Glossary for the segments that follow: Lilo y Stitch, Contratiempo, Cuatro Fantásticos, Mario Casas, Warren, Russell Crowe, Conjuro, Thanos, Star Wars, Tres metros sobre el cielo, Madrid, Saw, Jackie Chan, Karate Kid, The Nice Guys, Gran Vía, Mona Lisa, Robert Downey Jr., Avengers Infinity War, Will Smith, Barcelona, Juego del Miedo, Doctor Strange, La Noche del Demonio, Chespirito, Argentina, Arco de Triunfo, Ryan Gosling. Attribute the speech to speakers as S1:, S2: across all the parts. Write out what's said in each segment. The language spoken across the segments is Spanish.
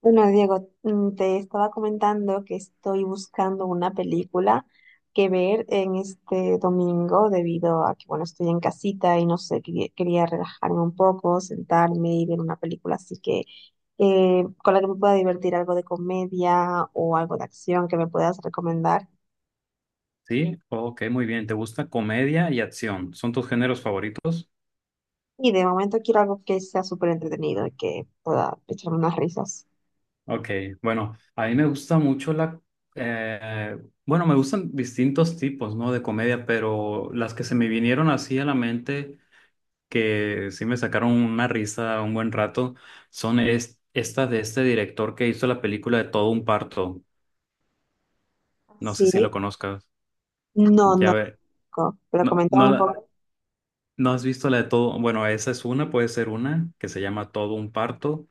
S1: Bueno, Diego, te estaba comentando que estoy buscando una película que ver en este domingo debido a que, bueno, estoy en casita y no sé, quería relajarme un poco, sentarme y ver una película así que con la que me pueda divertir algo de comedia o algo de acción que me puedas recomendar.
S2: Sí, ok, muy bien. ¿Te gusta comedia y acción? ¿Son tus géneros favoritos?
S1: Y de momento quiero algo que sea súper entretenido y que pueda echarme unas risas.
S2: Ok, bueno, a mí me gusta mucho la... eh, bueno, me gustan distintos tipos, ¿no? De comedia, pero las que se me vinieron así a la mente, que sí me sacaron una risa un buen rato, son estas de este director que hizo la película de Todo un parto. No sé
S1: Sí,
S2: si lo conozcas.
S1: no,
S2: Ya
S1: no,
S2: ver,
S1: pero
S2: no, no,
S1: comentaba un poco.
S2: no has visto la de Todo... Bueno, esa es una, puede ser una, que se llama Todo un parto.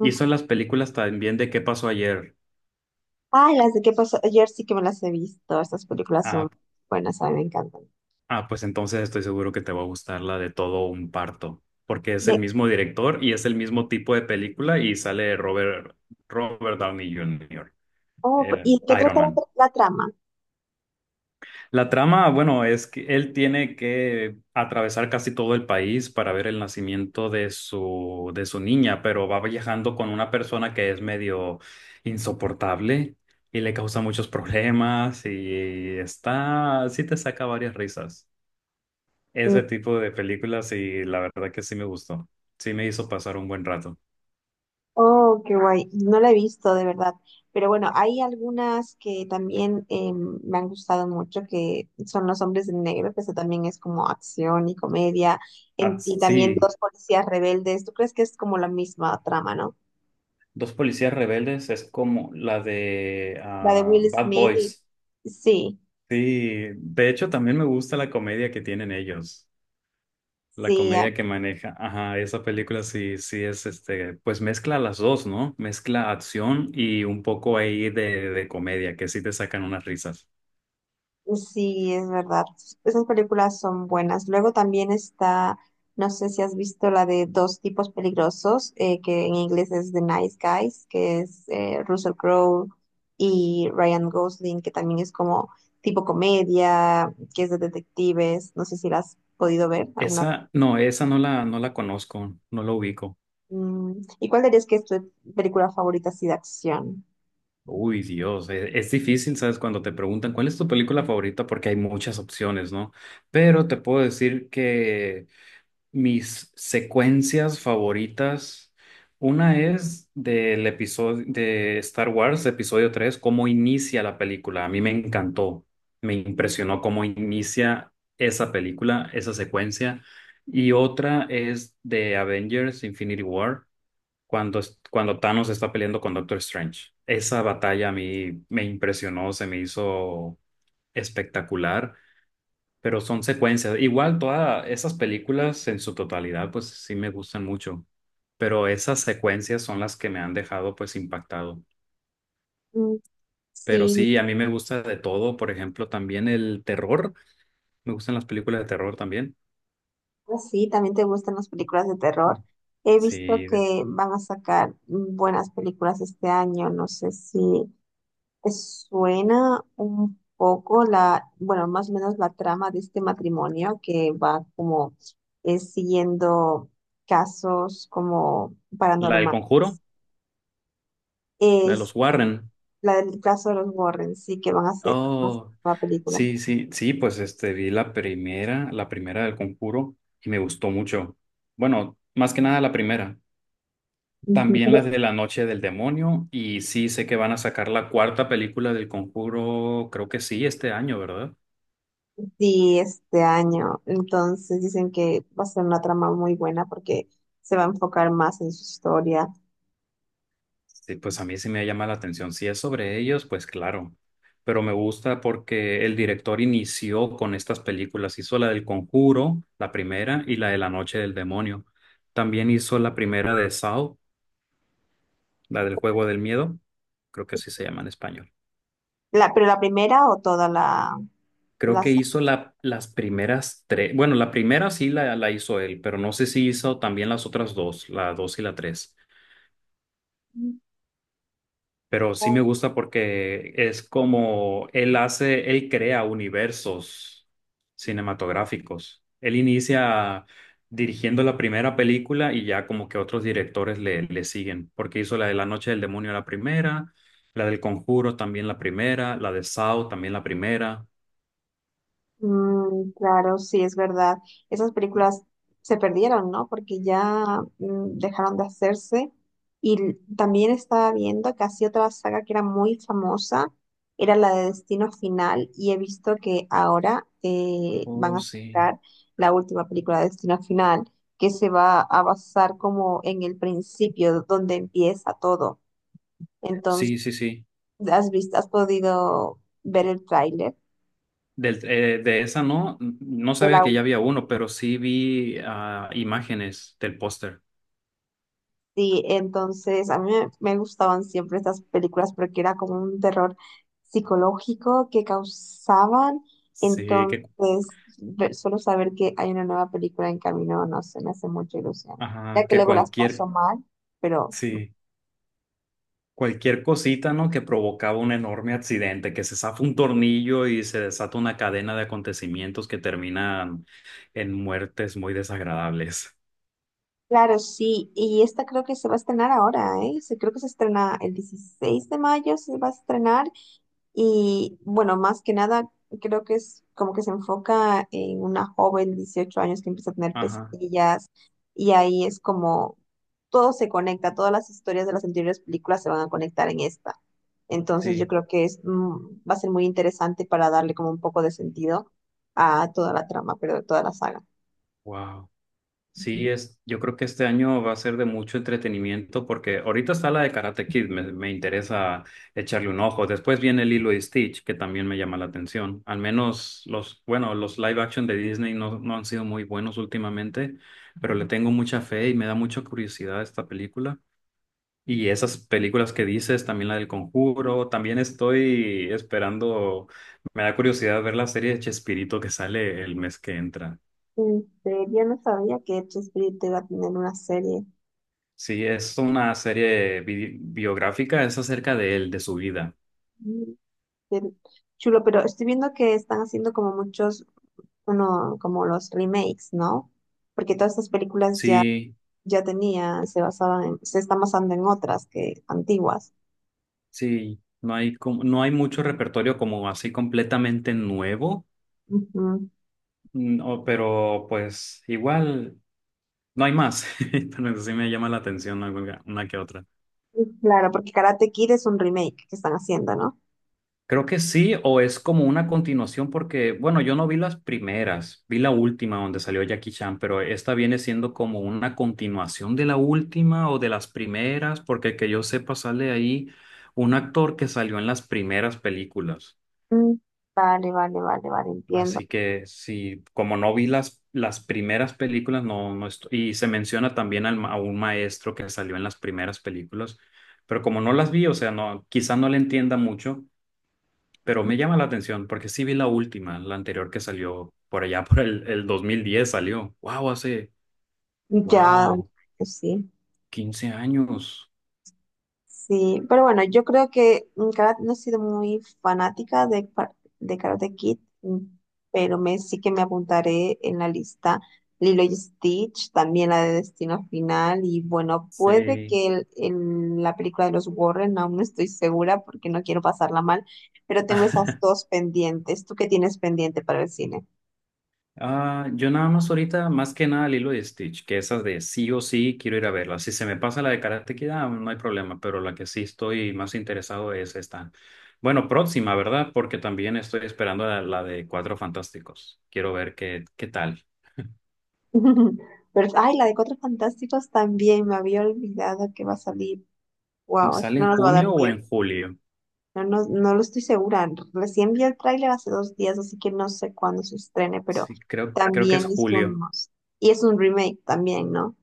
S2: Hizo las películas también de ¿Qué pasó ayer?
S1: Ay, las de qué pasó ayer sí que me las he visto. Estas películas son
S2: Ah,
S1: buenas, a mí me encantan.
S2: ah, pues entonces estoy seguro que te va a gustar la de Todo un parto, porque es el
S1: De,
S2: mismo director y es el mismo tipo de película y sale Robert Downey Jr.,
S1: oh, ¿y
S2: el
S1: de qué
S2: Iron
S1: trata
S2: Man.
S1: la trama?
S2: La trama, bueno, es que él tiene que atravesar casi todo el país para ver el nacimiento de de su niña, pero va viajando con una persona que es medio insoportable y le causa muchos problemas y está, sí te saca varias risas.
S1: Mm.
S2: Ese tipo de películas y la verdad que sí me gustó. Sí me hizo pasar un buen rato.
S1: Oh, qué guay. No la he visto, de verdad. Pero bueno, hay algunas que también me han gustado mucho, que son Los Hombres en Negro, que eso también es como acción y comedia,
S2: Ah,
S1: y también
S2: sí,
S1: Dos Policías Rebeldes. ¿Tú crees que es como la misma trama, no?
S2: Dos policías rebeldes es como la de
S1: La de
S2: ah,
S1: Will
S2: Bad
S1: Smith y...
S2: Boys.
S1: Sí,
S2: Sí, de hecho también me gusta la comedia que tienen ellos, la
S1: sí,
S2: comedia que maneja. Ajá, esa película sí, sí es este, pues mezcla las dos, ¿no? Mezcla acción y un poco ahí de comedia, que sí te sacan unas risas.
S1: sí, es verdad. Esas películas son buenas. Luego también está, no sé si has visto la de Dos tipos peligrosos, que en inglés es The Nice Guys, que es Russell Crowe y Ryan Gosling, que también es como tipo comedia, que es de detectives. No sé si la has podido ver alguna vez.
S2: Esa no no la conozco, no la ubico.
S1: ¿Y cuál dirías que es tu película favorita así de acción?
S2: Uy, Dios, difícil, ¿sabes? Cuando te preguntan cuál es tu película favorita, porque hay muchas opciones, ¿no? Pero te puedo decir que mis secuencias favoritas, una es del episodio de Star Wars, episodio 3 cómo inicia la película. A mí me encantó, me impresionó cómo inicia esa película, esa secuencia. Y otra es de Avengers Infinity War, cuando Thanos está peleando con Doctor Strange. Esa batalla a mí me impresionó, se me hizo espectacular, pero son secuencias. Igual todas esas películas en su totalidad, pues sí me gustan mucho, pero esas secuencias son las que me han dejado pues impactado.
S1: Mm.
S2: Pero
S1: Sí.
S2: sí, a mí me gusta de todo, por ejemplo, también el terror, me gustan las películas de terror también.
S1: Ah, sí, también te gustan las películas de terror. He visto
S2: Sí,
S1: que van a sacar buenas películas este año. No sé si te suena un poco la, bueno, más o menos la trama de este matrimonio que va como siguiendo casos como
S2: la del
S1: paranormales.
S2: Conjuro, la de
S1: Es
S2: los
S1: sí,
S2: Warren.
S1: la del caso de los Warren, sí, que van a hacer
S2: Oh,
S1: una película.
S2: sí, sí, sí, pues este vi la primera del Conjuro y me gustó mucho. Bueno, más que nada la primera. También las
S1: Ujú.
S2: de La Noche del Demonio. Y sí, sé que van a sacar la cuarta película del Conjuro, creo que sí, este año, ¿verdad?
S1: Sí, este año. Entonces dicen que va a ser una trama muy buena porque se va a enfocar más en su historia.
S2: Sí, pues a mí sí me llama la atención. Si es sobre ellos, pues claro. Pero me gusta porque el director inició con estas películas. Hizo la del Conjuro, la primera, y la de La Noche del Demonio. También hizo la primera de Saw, la del Juego del Miedo. Creo que sí se llama en español.
S1: Pero la primera o toda la,
S2: Creo
S1: la
S2: que
S1: saga?
S2: hizo las primeras 3. Bueno, la primera sí la hizo él, pero no sé si hizo también las otras dos, la 2 y la 3. Pero sí me gusta porque es como él hace, él crea universos cinematográficos. Él inicia dirigiendo la primera película y ya como que otros directores le siguen, porque hizo la de La Noche del Demonio la primera, la del Conjuro también la primera, la de Saw también la primera.
S1: Mm, claro, sí, es verdad. Esas películas se perdieron, ¿no? Porque ya dejaron de hacerse. Y también estaba viendo que así otra saga que era muy famosa, era la de Destino Final, y he visto que ahora van
S2: Oh,
S1: a
S2: sí.
S1: sacar la última película de Destino Final, que se va a basar como en el principio, donde empieza todo. Entonces,
S2: Sí, sí, sí.
S1: has podido ver el tráiler
S2: Del, de esa no, no
S1: de
S2: sabía
S1: la
S2: que ya había uno, pero sí vi ah, imágenes del póster.
S1: Sí, entonces a mí me gustaban siempre estas películas porque era como un terror psicológico que causaban.
S2: Sí, que,
S1: Entonces, solo saber que hay una nueva película en camino, no sé, me hace mucha ilusión. Ya
S2: ajá,
S1: que
S2: que
S1: luego las
S2: cualquier,
S1: paso mal, pero
S2: sí, cualquier cosita, ¿no? Que provocaba un enorme accidente, que se zafa un tornillo y se desata una cadena de acontecimientos que terminan en muertes muy desagradables.
S1: claro, sí. Y esta creo que se va a estrenar ahora, ¿eh? Creo que se estrena el 16 de mayo, se va a estrenar. Y bueno, más que nada, creo que es como que se enfoca en una joven de 18 años que empieza a tener
S2: Ajá,
S1: pesadillas y ahí es como todo se conecta, todas las historias de las anteriores películas se van a conectar en esta. Entonces yo
S2: sí,
S1: creo que es, va a ser muy interesante para darle como un poco de sentido a toda la trama, pero de toda la saga.
S2: wow. Sí, es, yo creo que este año va a ser de mucho entretenimiento porque ahorita está la de Karate Kid, me interesa echarle un ojo. Después viene Lilo y Stitch, que también me llama la atención. Al menos los, bueno, los live action de Disney no han sido muy buenos últimamente, pero le tengo mucha fe y me da mucha curiosidad esta película. Y esas películas que dices, también la del Conjuro, también estoy esperando, me da curiosidad ver la serie de Chespirito que sale el mes que entra.
S1: En serio, no sabía que Chespirito iba a tener una serie.
S2: Sí, es una serie biográfica, es acerca de él, de su vida.
S1: Mm, Qué chulo, pero estoy viendo que están haciendo como muchos como los remakes, ¿no? Porque todas estas películas ya,
S2: Sí,
S1: ya tenían, se están basando en otras que antiguas.
S2: sí, no hay, como, no hay mucho repertorio como así completamente nuevo,
S1: Ujú.
S2: no, pero pues igual no hay más. Pero sí me llama la atención, ¿no? Una que otra.
S1: Claro, porque Karate Kid es un remake que están haciendo, ¿no?
S2: Creo que sí, o es como una continuación porque, bueno, yo no vi las primeras, vi la última donde salió Jackie Chan, pero esta viene siendo como una continuación de la última o de las primeras, porque que yo sepa sale ahí un actor que salió en las primeras películas.
S1: Mm. Vale, vale, vale, vale, entiendo.
S2: Así que sí, como no vi las primeras películas, no, no estoy, y se menciona también al a un maestro que salió en las primeras películas, pero como no las vi, o sea, no, quizá no le entienda mucho, pero me llama la atención porque sí vi la última, la anterior que salió por allá por el 2010 salió. Wow, hace,
S1: Ya,
S2: wow,
S1: pues sí.
S2: 15 años.
S1: Sí, pero bueno, yo creo que nunca no he sido muy fanática de, de Karate Kid, pero sí que me apuntaré en la lista Lilo y Stitch, también la de Destino Final, y bueno, puede
S2: Sí.
S1: que la película de los Warren, aún no estoy segura porque no quiero pasarla mal, pero tengo esas dos pendientes. ¿Tú qué tienes pendiente para el cine?
S2: Ah, yo nada más ahorita, más que nada Lilo y Stitch, que esas de sí o sí quiero ir a verla. Si se me pasa la de Karate Kid, ah, no hay problema, pero la que sí estoy más interesado es esta. Bueno, próxima, ¿verdad? Porque también estoy esperando la de Cuatro Fantásticos. Quiero ver qué tal.
S1: Pero, ay, la de Cuatro Fantásticos también, me había olvidado que va a salir.
S2: Si
S1: Wow,
S2: sale
S1: no
S2: en
S1: nos va a dar
S2: junio o en
S1: tiempo.
S2: julio.
S1: No, no, no lo estoy segura. Recién vi el tráiler hace dos días, así que no sé cuándo se estrene, pero
S2: Sí, creo que
S1: también
S2: es
S1: es un
S2: julio.
S1: must. Y es un remake también, ¿no?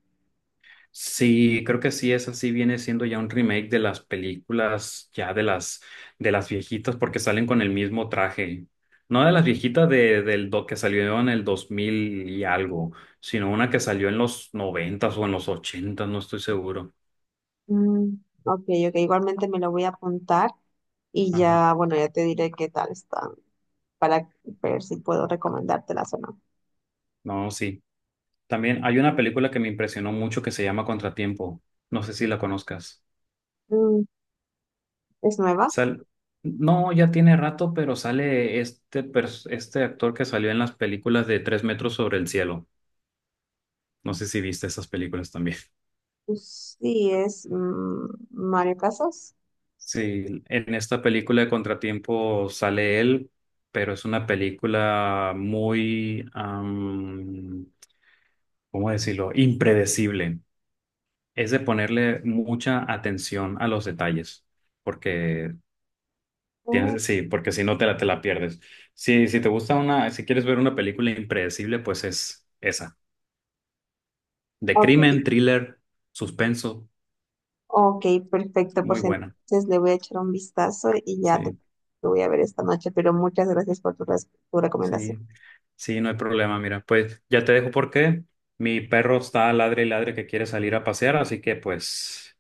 S2: Sí, creo que sí, esa sí viene siendo ya un remake de las películas ya de las viejitas porque salen con el mismo traje. No de las viejitas que salió en el 2000 y algo, sino una que salió en los 90 o en los 80, no estoy seguro.
S1: Mm, ok. Ok, igualmente me lo voy a apuntar y
S2: Ajá.
S1: ya, bueno, ya te diré qué tal están para ver si puedo recomendártelas o no.
S2: No, sí. También hay una película que me impresionó mucho que se llama Contratiempo. No sé si la conozcas.
S1: Mm, ¿es nueva?
S2: Sal no, ya tiene rato, pero sale este, este actor que salió en las películas de Tres metros sobre el cielo. No sé si viste esas películas también.
S1: Pues sí, es Mario Casas.
S2: Sí, en esta película de Contratiempo sale él, pero es una película muy, am, ¿cómo decirlo? Impredecible. Es de ponerle mucha atención a los detalles, porque
S1: Mm,
S2: tienes, sí, porque si no te la pierdes. Si, si te gusta una, si quieres ver una película impredecible, pues es esa. De crimen,
S1: ok.
S2: thriller, suspenso,
S1: Ok, perfecto.
S2: muy
S1: Pues
S2: buena.
S1: entonces le voy a echar un vistazo y ya te,
S2: Sí.
S1: te voy a ver esta noche, pero muchas gracias por tu recomendación.
S2: Sí, sí, no hay problema. Mira, pues ya te dejo porque mi perro está ladre y ladre que quiere salir a pasear, así que pues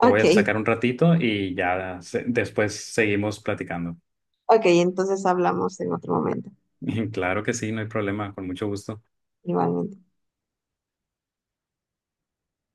S2: lo voy a sacar un ratito y ya después seguimos platicando.
S1: ok, entonces hablamos en otro momento.
S2: Claro que sí, no hay problema, con mucho gusto.
S1: Igualmente.